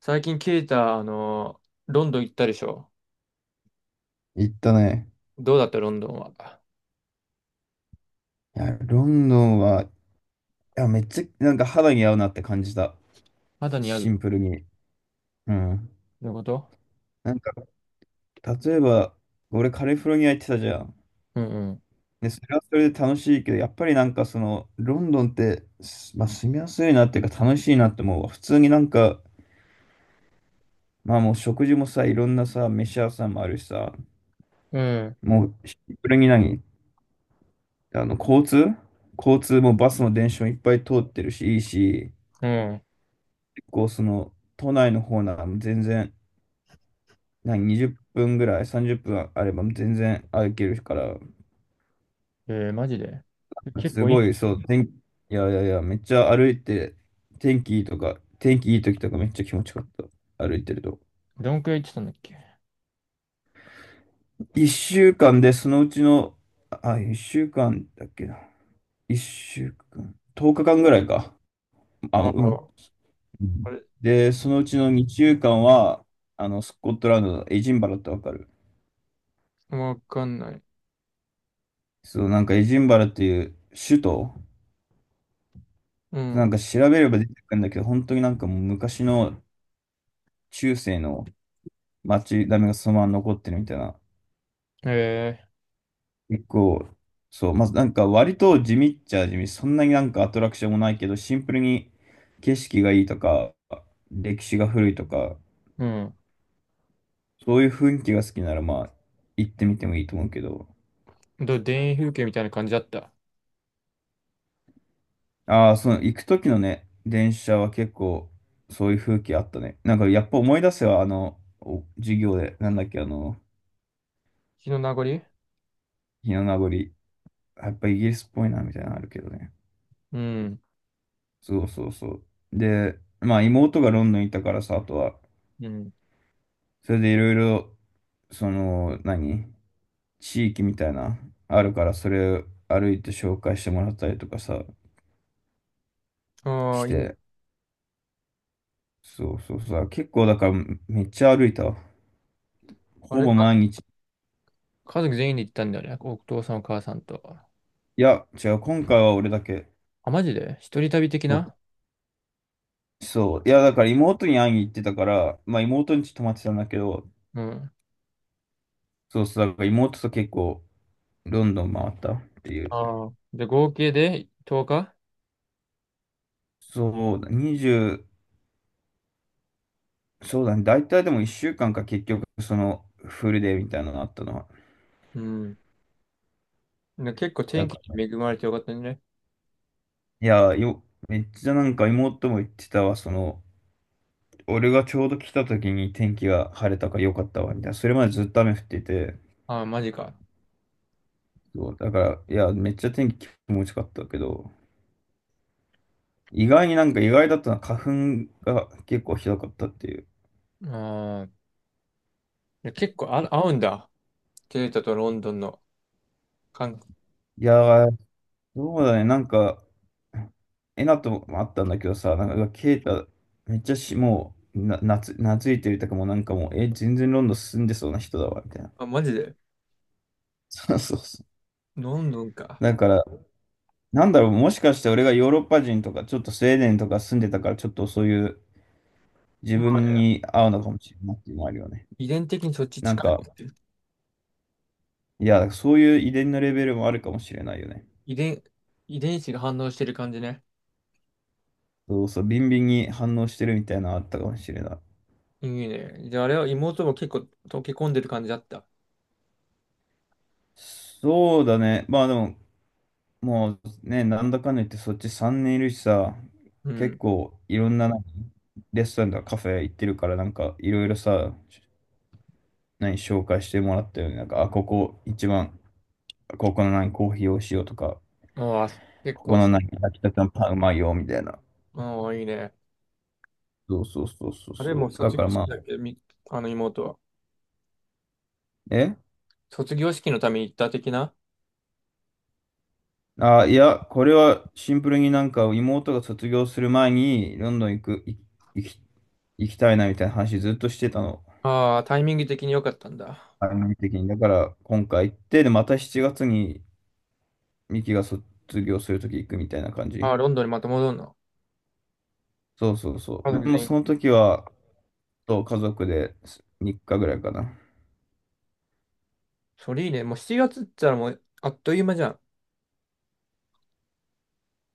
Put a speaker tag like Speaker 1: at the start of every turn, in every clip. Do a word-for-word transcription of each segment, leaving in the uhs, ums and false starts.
Speaker 1: 最近ケイタ、あの、ロンドン行ったでしょ？
Speaker 2: 行ったね。
Speaker 1: どうだったロンドンは。
Speaker 2: いや、ロンドンは、いや、めっちゃ、なんか肌に合うなって感じた。
Speaker 1: 肌に合う
Speaker 2: シ
Speaker 1: の
Speaker 2: ンプルに。うん。
Speaker 1: こと。
Speaker 2: なんか、例えば、俺カリフォルニア行ってたじゃん。
Speaker 1: うん
Speaker 2: で、それはそれで楽しいけど、やっぱりなんかその、ロンドンって、すまあ、住みやすいなっていうか楽しいなって思うわ。普通になんか、まあもう食事もさ、いろんなさ、飯屋さんもあるしさ、
Speaker 1: うん。うん。
Speaker 2: もうシンプルに何あの、交通交通もバスも電車もいっぱい通ってるし、いいし、
Speaker 1: うん。
Speaker 2: 結構その、都内の方なら全然、何、にじゅっぷんぐらい、さんじゅっぷんあれば全然歩けるから、
Speaker 1: えー、マジで結
Speaker 2: す
Speaker 1: 構い
Speaker 2: ご
Speaker 1: い。
Speaker 2: い、そう、天気、いやいやいや、めっちゃ歩いて、天気いいとか、天気いい時とかめっちゃ気持ちよかった、歩いてると。
Speaker 1: どんくらい行ってたんだっけ？
Speaker 2: いっしゅうかんで、そのうちの、あ、いっしゅうかんだっけな。いっしゅうかん、とおかかんぐらいか。あ、う
Speaker 1: ああ、
Speaker 2: ん。うん。
Speaker 1: あれ、
Speaker 2: で、そのうちのにしゅうかんは、あの、スコットランドのエジンバラってわかる？
Speaker 1: わかんない。
Speaker 2: そう、なんかエジンバラっていう首都、
Speaker 1: う
Speaker 2: な
Speaker 1: ん。
Speaker 2: んか調べれば出てくるんだけど、本当になんかもう昔の中世の町並みがそのまま残ってるみたいな。
Speaker 1: え
Speaker 2: 結構、そう、まずなんか割と地味っちゃ地味、そんなになんかアトラクションもないけど、シンプルに景色がいいとか、歴史が古いとか、
Speaker 1: ー、う
Speaker 2: そういう雰囲気が好きならまあ行ってみてもいいと思うけど。
Speaker 1: ん。どう、田園風景みたいな感じだった？
Speaker 2: ああ、その行く時のね、電車は結構そういう風景あったね。なんかやっぱ思い出せはあの、お授業で、なんだっけ、あの、
Speaker 1: 日の名残。
Speaker 2: 日の名残。やっぱイギリスっぽいなみたいなのあるけどね。
Speaker 1: うん。
Speaker 2: そうそうそう。で、まあ妹がロンドンにいたからさ、あとは、
Speaker 1: うん。
Speaker 2: それでいろいろ、その、何地域みたいな、あるから、それを歩いて紹介してもらったりとかさ、
Speaker 1: あ
Speaker 2: し
Speaker 1: あ、いい。
Speaker 2: て、そうそうそう。結構だから、めっちゃ歩いたわ。
Speaker 1: あ
Speaker 2: ほ
Speaker 1: れ
Speaker 2: ぼ
Speaker 1: か、
Speaker 2: 毎日。
Speaker 1: 家族全員で行ったんだよね。お父さんお母さんと。
Speaker 2: いや、違う、今回は俺だけ。
Speaker 1: あ、マジで一人旅的
Speaker 2: そう
Speaker 1: な。
Speaker 2: そう。いや、だから妹に会いに行ってたから、まあ妹に泊まってたんだけど、
Speaker 1: うん。
Speaker 2: そうそう、だから妹と結構ロンドン回ったっていう。
Speaker 1: ああ。で、合計でとおか？
Speaker 2: そうだ、にじゅう、そうだね、大体でもいっしゅうかんかんか結局、その、フルデーみたいなのあったのは。
Speaker 1: うん。ね、結構
Speaker 2: な
Speaker 1: 天
Speaker 2: んか、
Speaker 1: 気に恵まれてよかったね。
Speaker 2: いや、よ、めっちゃなんか妹も言ってたわ、その、俺がちょうど来た時に天気が晴れたから良かったわ、みたいな。それまでずっと雨降ってて、
Speaker 1: ああ、マジか。
Speaker 2: そう、だから、いや、めっちゃ天気気持ちよかったけど、意外になんか意外だったのは花粉が結構ひどかったっていう。
Speaker 1: ああ、結構、あ、合うんだ。ケイタとロンドンの感。
Speaker 2: いやー、そうだね、なんか、えなともあったんだけどさ、なんか、ケイタ、めっちゃし、もう、な、なつ、懐いてるとかもうなんかもう、え、全然ロンドン住んでそうな人だわ、みたいな。
Speaker 1: あ、マジで。
Speaker 2: そうそうそう。
Speaker 1: ロンドンか。
Speaker 2: だから、なんだろう、もしかして俺がヨーロッパ人とか、ちょっとスウェーデンとか住んでたから、ちょっとそういう自
Speaker 1: まあ
Speaker 2: 分
Speaker 1: ね、
Speaker 2: に合うのかもしれないっていうのもあるよね。
Speaker 1: 遺伝的にそっち
Speaker 2: なん
Speaker 1: 近い
Speaker 2: か、
Speaker 1: もんって。
Speaker 2: いや、そういう遺伝のレベルもあるかもしれないよね。
Speaker 1: 遺伝、遺伝子が反応してる感じね。
Speaker 2: そうそう、ビンビンに反応してるみたいなのあったかもしれない。
Speaker 1: いいね。じゃあ、あれは妹も結構溶け込んでる感じだった？
Speaker 2: そうだね。まあでも、もうね、なんだかんだ言ってそっちさんねんいるしさ、
Speaker 1: う
Speaker 2: 結
Speaker 1: ん。
Speaker 2: 構いろんななんかレストランとかカフェ行ってるから、なんかいろいろさ、何紹介してもらったよね。なんか、あ、ここ一番、ここの何コーヒーをしようとか、
Speaker 1: ああ、結
Speaker 2: ここ
Speaker 1: 構
Speaker 2: の
Speaker 1: し、
Speaker 2: 何焼きたてのパンうまいよみたいな。
Speaker 1: ああ、いいね。
Speaker 2: そうそうそうそう
Speaker 1: あれもう
Speaker 2: そう。だ
Speaker 1: 卒
Speaker 2: から
Speaker 1: 業式
Speaker 2: まあ、
Speaker 1: だっけ？み、あの妹は。
Speaker 2: え
Speaker 1: 卒業式のために行った的な。
Speaker 2: あ、いや、これはシンプルになんか妹が卒業する前にロンドン行く、い行き、行きたいなみたいな話ずっとしてたの。
Speaker 1: ああ、タイミング的に良かったんだ。
Speaker 2: 番組的に。だから、今回行って、で、またしちがつに、ミキが卒業するとき行くみたいな感じ。
Speaker 1: ああ、ロンドンにまた戻るの？
Speaker 2: そうそうそ
Speaker 1: 家
Speaker 2: う。
Speaker 1: 族
Speaker 2: でも、
Speaker 1: 全員？
Speaker 2: その時は、そう家族でみっかぐらいかな。
Speaker 1: それいいね。もうしちがつって言ったらもうあっという間じゃん。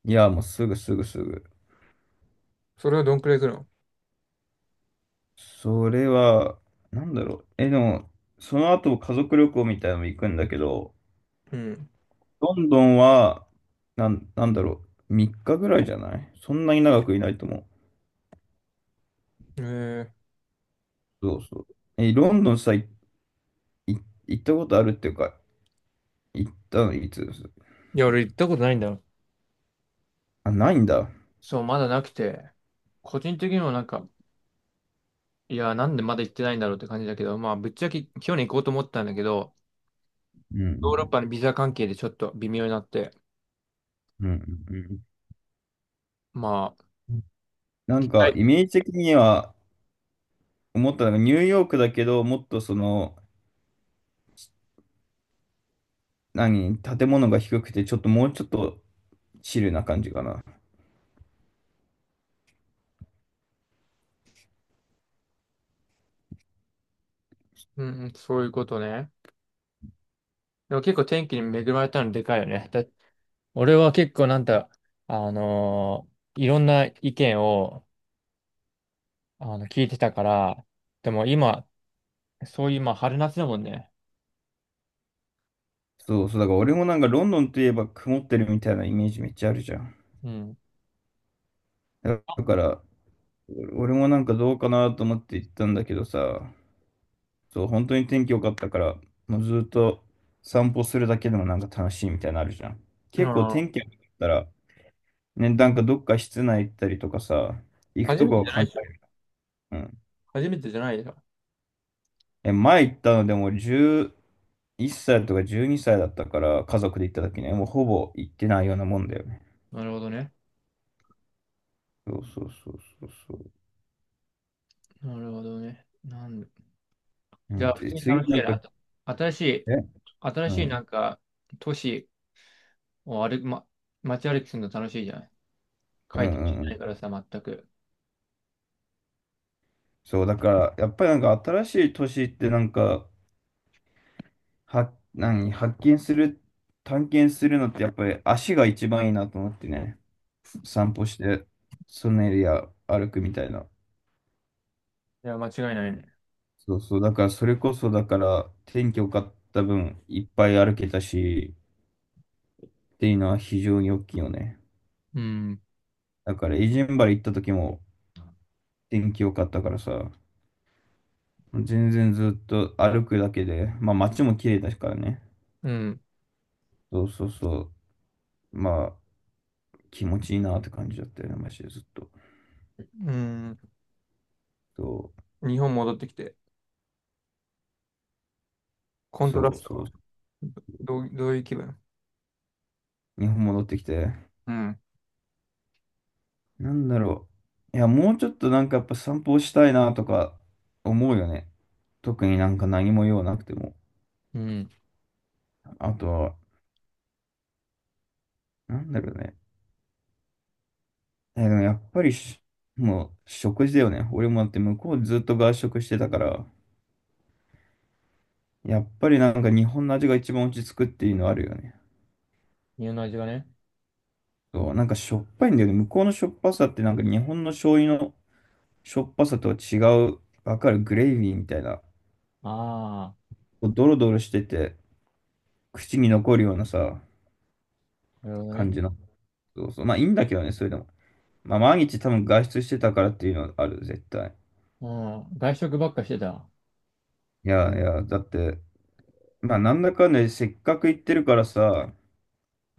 Speaker 2: いや、もうすぐすぐすぐ。
Speaker 1: それはどんくらい来るの？
Speaker 2: それは、なんだろう。え、でも、その後、家族旅行みたいなのも行くんだけど、
Speaker 1: うん。
Speaker 2: ロンドンは、なん、なんだろう。みっかぐらいじゃない？そんなに長くいないと思う。
Speaker 1: えー、
Speaker 2: そうそう。え、ロンドンさ、い、い行ったことあるっていうか、行ったのいつです？
Speaker 1: いや、俺行ったことないんだよ。
Speaker 2: あ、ないんだ。
Speaker 1: そう、まだなくて、個人的にもなんか、いや、なんでまだ行ってないんだろうって感じだけど、まあ、ぶっちゃけ去年行こうと思ったんだけど、
Speaker 2: うん、う
Speaker 1: ヨーロッ
Speaker 2: ん、
Speaker 1: パのビザ関係でちょっと微妙になって、
Speaker 2: うん、うん
Speaker 1: まあ、
Speaker 2: うん。な
Speaker 1: 行
Speaker 2: ん
Speaker 1: きた
Speaker 2: か、
Speaker 1: い。
Speaker 2: イメージ的には思ったのが、ニューヨークだけど、もっとその、何、建物が低くて、ちょっともうちょっとチルな感じかな。
Speaker 1: うんうん、そういうことね。でも結構天気に恵まれたのでかいよね。だ俺は結構なんだ、あのーいろんな意見をあの聞いてたから、でも今、そういう、まあ、春夏だもんね。
Speaker 2: そうそう、だから俺もなんかロンドンといえば曇ってるみたいなイメージめっちゃあるじゃん。
Speaker 1: うん。
Speaker 2: だだから、俺もなんかどうかなと思って行ったんだけどさ、そう、本当に天気良かったから、もうずっと散歩するだけでもなんか楽しいみたいなのあるじゃん。
Speaker 1: あ
Speaker 2: 結構
Speaker 1: あ、
Speaker 2: 天気良かったら、ね、なんかどっか室内行ったりとかさ、行く
Speaker 1: 初
Speaker 2: と
Speaker 1: め
Speaker 2: こ
Speaker 1: て
Speaker 2: を
Speaker 1: じゃな
Speaker 2: 考
Speaker 1: い
Speaker 2: え、
Speaker 1: でしょ？
Speaker 2: うん。
Speaker 1: 初めてじゃないよ。
Speaker 2: え、前行ったのでもじゅういっさいとかじゅうにさいだったから、家族で行った時ね、もうほぼ行ってないようなもんだよね。
Speaker 1: なるほどね。
Speaker 2: そうそうそうそうそう。
Speaker 1: なるほどね。なんで、
Speaker 2: う
Speaker 1: じゃあ、
Speaker 2: ん、
Speaker 1: 普通
Speaker 2: で、
Speaker 1: に
Speaker 2: 次
Speaker 1: 楽し
Speaker 2: な
Speaker 1: い
Speaker 2: んか、
Speaker 1: なと。新しい、
Speaker 2: え、
Speaker 1: 新
Speaker 2: う
Speaker 1: しいな
Speaker 2: ん、
Speaker 1: んか、都市を歩く、ま、街歩きするの楽しいじゃない。書
Speaker 2: う
Speaker 1: いて
Speaker 2: ん、う
Speaker 1: ないから
Speaker 2: ん。
Speaker 1: さ、全く。
Speaker 2: そう、だから、やっぱりなんか新しい年ってなんか、は、何、発見する、探検するのってやっぱり足が一番いいなと思ってね、散歩して、そのエリア歩くみたいな。
Speaker 1: いや、間違いないね。
Speaker 2: そうそう、だからそれこそ、だから天気良かった分、いっぱい歩けたし、っていうのは非常に大きいよね。
Speaker 1: うん。
Speaker 2: だから、エジンバル行った時も天気良かったからさ、全然ずっと歩くだけで、まあ街も綺麗だからね。
Speaker 1: うん。
Speaker 2: そうそうそう、まあ気持ちいいなって感じだったよね、マジでずっと。
Speaker 1: うん。
Speaker 2: そ
Speaker 1: 日本戻ってきて、コ
Speaker 2: う、
Speaker 1: ントラ
Speaker 2: そ
Speaker 1: ス
Speaker 2: う
Speaker 1: ト
Speaker 2: そ
Speaker 1: は、
Speaker 2: う、
Speaker 1: どう、どういう気分？
Speaker 2: 日本戻ってきて、
Speaker 1: うん。
Speaker 2: なんだろう。いや、もうちょっとなんかやっぱ散歩したいなとか思うよね。特になんか何も用なくても。
Speaker 1: うん。
Speaker 2: あとはなんだろうね。え、でもやっぱりしもう食事だよね。俺もだって向こうずっと外食してたから、やっぱりなんか日本の味が一番落ち着くっていうのあるよね。
Speaker 1: 家の味がね。
Speaker 2: そう、なんかしょっぱいんだよね。向こうのしょっぱさってなんか日本の醤油のしょっぱさとは違う、わかる？グレイビーみたいな、
Speaker 1: あ
Speaker 2: こうドロドロしてて、口に残るようなさ、
Speaker 1: あ、なるほど
Speaker 2: 感
Speaker 1: ね。
Speaker 2: じの。そうそう。まあいいんだけどね、それでも。まあ毎日多分外出してたからっていうのはある、絶対。
Speaker 1: うん。外食ばっかしてた。
Speaker 2: いやいや、だって、まあなんだかんだでせっかく行ってるからさ、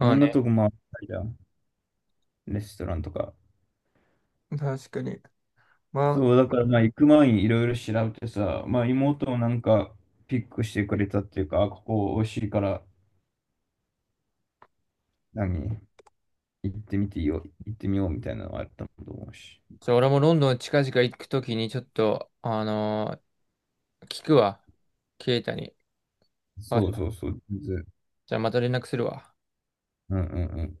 Speaker 2: いろ
Speaker 1: あ
Speaker 2: んなと
Speaker 1: ね。
Speaker 2: こ回ったりだ。レストランとか。
Speaker 1: 確かに。まあ、
Speaker 2: そう、だからまあ行く前にいろいろ調べてさ、まあ妹もなんかピックしてくれたっていうか、あ、ここ美味しいから、何、行ってみていいよ、行ってみようみたいなのがあったと思うし。
Speaker 1: じゃあ俺もロンドン近々行くときにちょっと、あのー聞くわ。ケイタに。場
Speaker 2: そうそ
Speaker 1: 所。
Speaker 2: うそう、全然。
Speaker 1: じゃあまた連絡するわ。
Speaker 2: うんうん